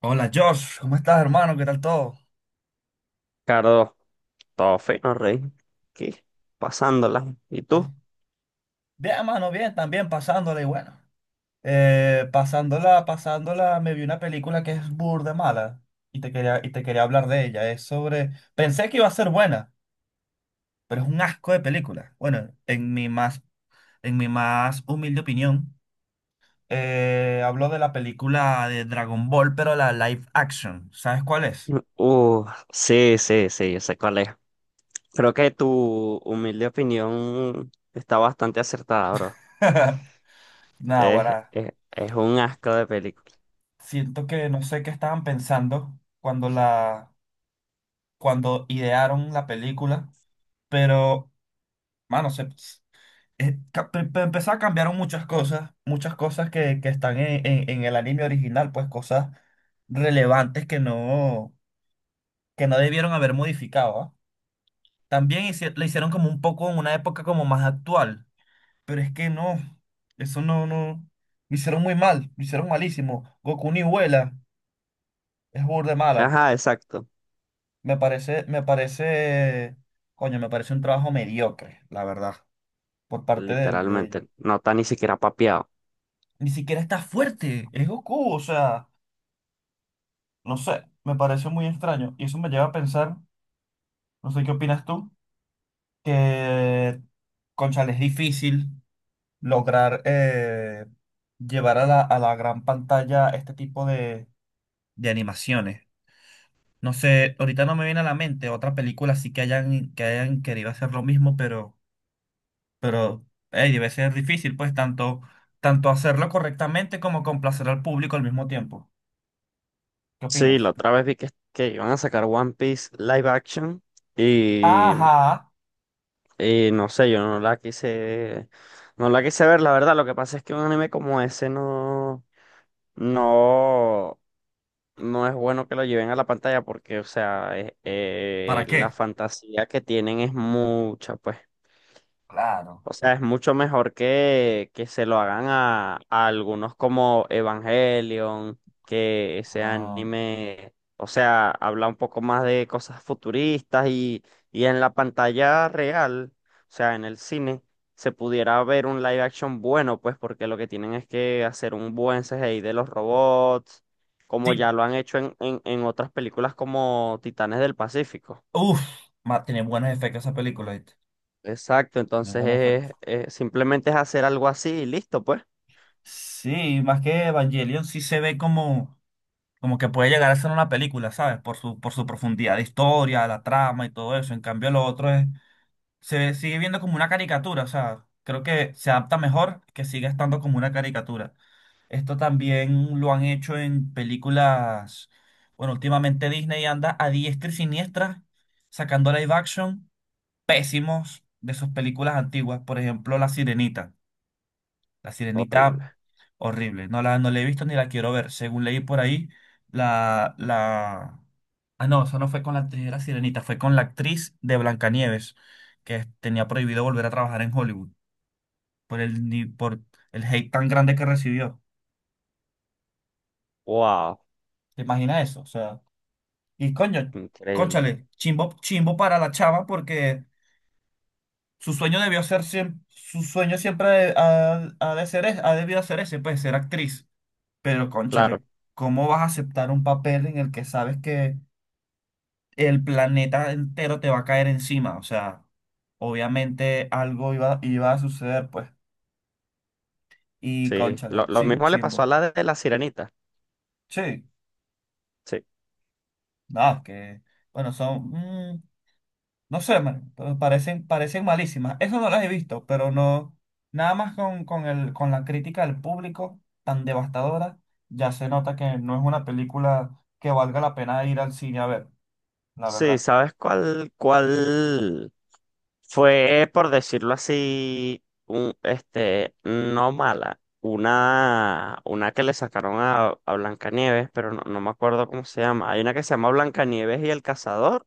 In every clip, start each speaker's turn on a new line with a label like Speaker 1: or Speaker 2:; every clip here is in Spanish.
Speaker 1: Hola Josh, ¿cómo estás hermano? ¿Qué tal todo?
Speaker 2: Ricardo, todo fino, Ricky. ¿Pas
Speaker 1: Ah,
Speaker 2: tú?
Speaker 1: bien hermano, bien, también pasándola y bueno. Pasándola, pasándola, me vi una película que es burda mala y te quería hablar de ella. Pensé que iba a ser buena, pero es un asco de película. Bueno, en mi más humilde opinión, hablo de la película de Dragon Ball, pero la live action. ¿Sabes cuál es?
Speaker 2: Uh, sí, sí, sí, yo sé cuál es. Creo que tu humilde opinión está bastante acertada, bro.
Speaker 1: Nada,
Speaker 2: Es,
Speaker 1: ahora
Speaker 2: es un asco de película.
Speaker 1: siento que no sé qué estaban pensando cuando idearon la película, pero, mano, se, ca- pe- pe- empezó a cambiar muchas cosas que están en el anime original, pues cosas relevantes que no debieron haber modificado, ¿ah? También le hicieron como un poco en una época como más actual, pero es que no, eso no, no, lo hicieron muy mal, lo hicieron malísimo. Goku ni vuela, es burda de mala.
Speaker 2: Ajá, exacto.
Speaker 1: Me parece, me parece, coño, me parece un trabajo mediocre, la verdad. Por parte de ellos.
Speaker 2: Literalmente. No está ni siquiera papeado.
Speaker 1: Ni siquiera está fuerte, es Goku, o sea, no sé, me pareció muy extraño. Y eso me lleva a pensar, no sé qué opinas tú, que, cónchale, es difícil lograr llevar a la gran pantalla este tipo de animaciones. No sé, ahorita no me viene a la mente otra película sí que hayan querido hacer lo mismo, pero ey, debe ser difícil, pues, tanto hacerlo correctamente como complacer al público al mismo tiempo. ¿Qué
Speaker 2: Sí, la
Speaker 1: opinas?
Speaker 2: otra vez vi que iban a sacar One Piece live action y,
Speaker 1: Ajá.
Speaker 2: y no sé, yo no la quise, no la quise ver, la verdad. Lo que pasa es que un anime como ese no. no es bueno que lo lleven a la pantalla porque, o sea,
Speaker 1: ¿Para
Speaker 2: la
Speaker 1: qué?
Speaker 2: fantasía que tienen es mucha, pues.
Speaker 1: Claro.
Speaker 2: O sea, es mucho mejor que se lo hagan a algunos como Evangelion, que ese
Speaker 1: Ah,
Speaker 2: anime, o sea, habla un poco más de cosas futuristas y en la pantalla real, o sea, en el cine, se pudiera ver un live action bueno, pues porque lo que tienen es que hacer un buen CGI de los robots, como
Speaker 1: sí,
Speaker 2: ya lo han hecho en otras películas como Titanes del Pacífico.
Speaker 1: uff, tiene buenos efectos esa película, ¿viste?
Speaker 2: Exacto,
Speaker 1: De
Speaker 2: entonces
Speaker 1: buenos efectos.
Speaker 2: simplemente es hacer algo así y listo, pues.
Speaker 1: Sí, más que Evangelion sí se ve como que puede llegar a ser una película, ¿sabes? Por su profundidad de historia, la trama y todo eso. En cambio, lo otro es sigue viendo como una caricatura, o sea, creo que se adapta mejor que siga estando como una caricatura. Esto también lo han hecho en películas, bueno, últimamente Disney anda a diestra y siniestra sacando live action pésimos de sus películas antiguas, por ejemplo La Sirenita. La
Speaker 2: Horrible.
Speaker 1: Sirenita, horrible. No la he visto ni la quiero ver. Según leí por ahí, la, la... ah, no, eso no fue con la actriz de La Sirenita, fue con la actriz de Blancanieves, tenía prohibido volver a trabajar en Hollywood por el, ni- por el hate tan grande que recibió.
Speaker 2: Wow,
Speaker 1: ¿Te imaginas eso? O sea, y coño,
Speaker 2: increíble.
Speaker 1: cónchale, chimbo, chimbo para la chava porque su sueño siempre ha de ser, ha debido ser ese, pues, ser actriz. Pero,
Speaker 2: Claro,
Speaker 1: cónchale, ¿cómo vas a aceptar un papel en el que sabes que el planeta entero te va a caer encima? O sea, obviamente algo iba a suceder, pues. Y,
Speaker 2: sí. Lo,
Speaker 1: cónchale,
Speaker 2: lo
Speaker 1: sí,
Speaker 2: mismo le pasó a
Speaker 1: chimbo.
Speaker 2: la de la Sirenita.
Speaker 1: Sí,
Speaker 2: Sí.
Speaker 1: nada, que, bueno, son, no sé, man, pero parecen malísimas. Eso no las he visto, pero no, nada más con la crítica del público tan devastadora, ya se nota que no es una película que valga la pena ir al cine a ver, la
Speaker 2: Sí,
Speaker 1: verdad.
Speaker 2: ¿sabes cuál fue, por decirlo así, un, este, no mala? Una que le sacaron a Blancanieves, pero no me acuerdo cómo se llama. Hay una que se llama Blancanieves y el cazador,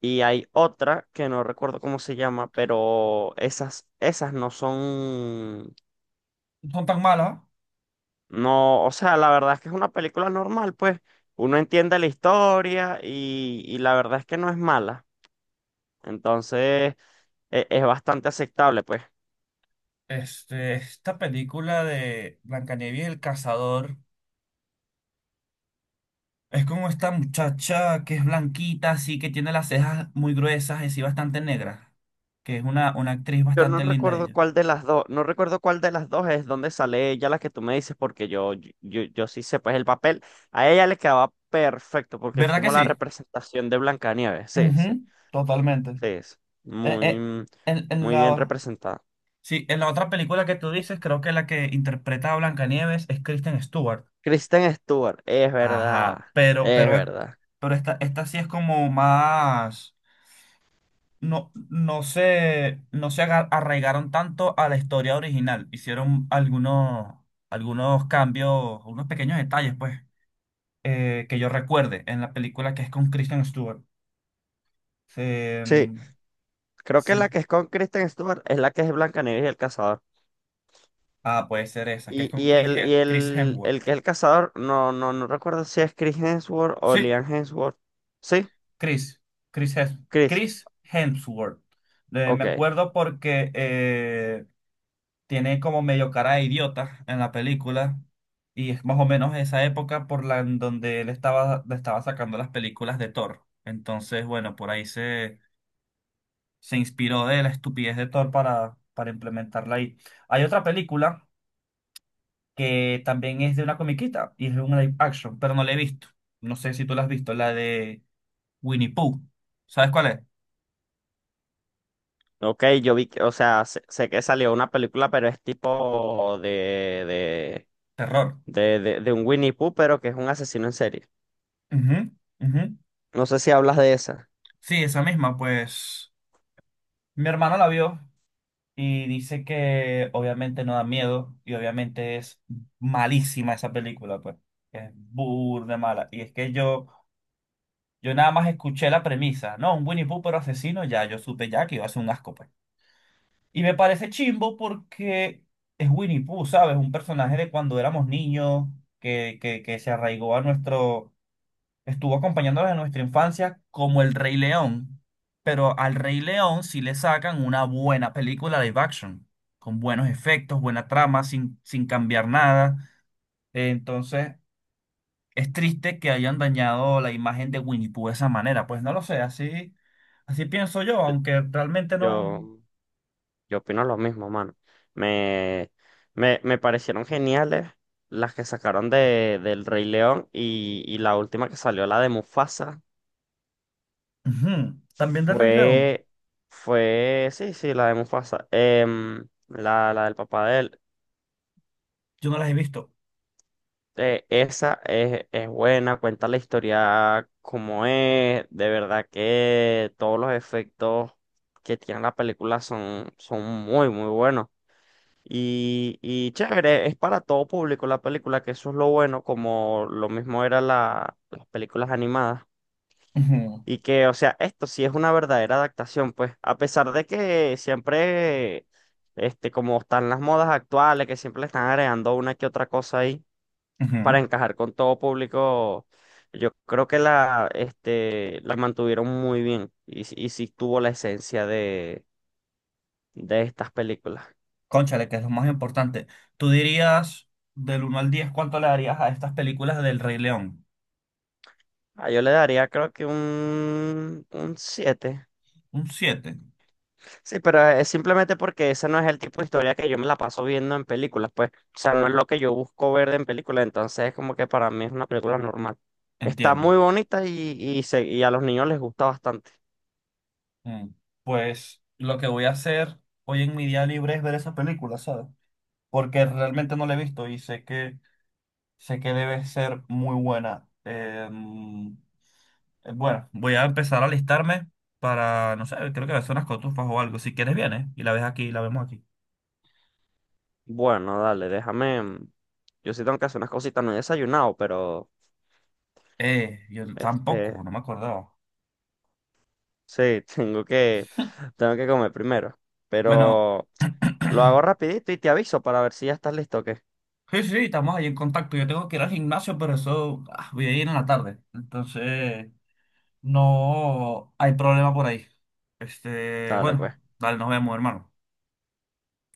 Speaker 2: y hay otra que no recuerdo cómo se llama, pero esas no son.
Speaker 1: No son tan malas.
Speaker 2: No, o sea, la verdad es que es una película normal, pues uno entiende la historia y la verdad es que no es mala. Entonces, es, bastante aceptable, pues.
Speaker 1: Este, esta película de Blancanieves y el cazador es como esta muchacha que es blanquita, así que tiene las cejas muy gruesas y sí bastante negras, que es una actriz
Speaker 2: Yo no
Speaker 1: bastante linda
Speaker 2: recuerdo
Speaker 1: ella.
Speaker 2: cuál de las dos, no recuerdo cuál de las dos es donde sale ella, la que tú me dices, porque yo sí sé, pues el papel a ella le quedaba perfecto, porque es
Speaker 1: ¿Verdad que
Speaker 2: como la
Speaker 1: sí?
Speaker 2: representación de Blancanieves. Sí, sí, sí,
Speaker 1: Ujú, totalmente.
Speaker 2: es
Speaker 1: Eh, eh,
Speaker 2: muy,
Speaker 1: en, en
Speaker 2: muy bien
Speaker 1: la,
Speaker 2: representada.
Speaker 1: sí, en la otra película que tú dices, creo que la que interpreta a Blancanieves es Kristen Stewart.
Speaker 2: Kristen Stewart, es
Speaker 1: Ajá,
Speaker 2: verdad,
Speaker 1: pero,
Speaker 2: es
Speaker 1: pero,
Speaker 2: verdad.
Speaker 1: pero esta sí es como más. No se arraigaron tanto a la historia original. Hicieron algunos cambios, unos pequeños detalles, pues, que yo recuerde en la película que es con Kristen Stewart. Se,
Speaker 2: Sí.
Speaker 1: mm,
Speaker 2: Creo que
Speaker 1: sí.
Speaker 2: la que es con Kristen Stewart es la que es Blancanieves y el cazador.
Speaker 1: Ah, puede ser esa, que es con Chris, He- Chris Hemsworth.
Speaker 2: El que es el cazador, no recuerdo si es Chris Hemsworth o
Speaker 1: Sí,
Speaker 2: Liam Hemsworth. ¿Sí?
Speaker 1: Chris. Chris, Hems-
Speaker 2: Chris.
Speaker 1: Chris Hemsworth. Me
Speaker 2: Ok.
Speaker 1: acuerdo porque tiene como medio cara de idiota en la película y es más o menos esa época por la en donde él estaba, le estaba sacando las películas de Thor. Entonces, bueno, por ahí se inspiró de la estupidez de Thor para implementarla ahí. Hay otra película que también es de una comiquita y es una live action, pero no la he visto. No sé si tú la has visto, la de Winnie Pooh. ¿Sabes cuál es?
Speaker 2: Ok, yo vi que, o sea, sé, sé que salió una película, pero es tipo
Speaker 1: Terror.
Speaker 2: de un Winnie Pooh, pero que es un asesino en serie.
Speaker 1: Ujú, ujú.
Speaker 2: No sé si hablas de esa.
Speaker 1: Sí, esa misma, pues mi hermano la vio. Y dice que obviamente no da miedo y obviamente es malísima esa película, pues. Es burda mala. Y es que yo nada más escuché la premisa, ¿no? Un Winnie Pooh pero asesino, ya yo supe ya que iba a ser un asco, pues. Y me parece chimbo porque es Winnie Pooh, ¿sabes? Un personaje de cuando éramos niños que se arraigó a nuestro estuvo acompañándonos en nuestra infancia como El Rey León, pero al Rey León sí le sacan una buena película live action, con buenos efectos, buena trama, sin cambiar nada. Entonces, es triste que hayan dañado la imagen de Winnie Pooh de esa manera. Pues no lo sé, así, así pienso yo, aunque realmente no.
Speaker 2: Yo. Yo opino lo mismo, mano. Me, me parecieron geniales las que sacaron del Rey León y la última que salió, la de Mufasa,
Speaker 1: Ujú. También del Rey León,
Speaker 2: fue, sí, sí, la de Mufasa, la, la del papá de él.
Speaker 1: yo no las he visto.
Speaker 2: Es buena, cuenta la historia como es, de verdad que todos los efectos que tiene la película son, son muy, muy buenos. Y chévere, es para todo público la película, que eso es lo bueno, como lo mismo era la, las películas animadas.
Speaker 1: Ujú,
Speaker 2: Y que, o sea, esto sí es una verdadera adaptación, pues, a pesar de que siempre, este, como están las modas actuales, que siempre le están agregando una que otra cosa ahí
Speaker 1: ujú.
Speaker 2: para encajar con todo público, yo creo que la, este, la mantuvieron muy bien y, y sí tuvo la esencia de estas películas.
Speaker 1: Cónchale, que es lo más importante. Tú dirías, del uno al 10, ¿cuánto le darías a estas películas del Rey León?
Speaker 2: Ah, yo le daría creo que un 7.
Speaker 1: Un siete.
Speaker 2: Sí, pero es simplemente porque ese no es el tipo de historia que yo me la paso viendo en películas, pues. O sea, no es lo que yo busco ver en películas, entonces es como que para mí es una película normal. Está
Speaker 1: Entiendo.
Speaker 2: muy bonita y, y a los niños les gusta bastante.
Speaker 1: Mm. Pues lo que voy a hacer hoy en mi día libre es ver esa película, ¿sabes? Porque realmente no la he visto y sé que, debe ser muy buena. Bueno, voy a empezar a alistarme para, no sé, creo que va a ser unas cotufas o algo. Si quieres, vienes y la ves aquí, la vemos aquí.
Speaker 2: Bueno, dale, déjame. Yo sí tengo que hacer unas cositas, no he desayunado, pero
Speaker 1: Yo
Speaker 2: este,
Speaker 1: tampoco, no me acordaba.
Speaker 2: sí, tengo que comer primero.
Speaker 1: Bueno.
Speaker 2: Pero lo hago rapidito y te aviso para ver si ya estás listo o qué.
Speaker 1: Sí, sí, sí, estamos ahí en contacto. Yo tengo que ir al gimnasio, pero eso voy a ir en la tarde. Entonces, no hay problema por ahí. Este,
Speaker 2: Dale, pues.
Speaker 1: bueno, dale, nos vemos, hermano.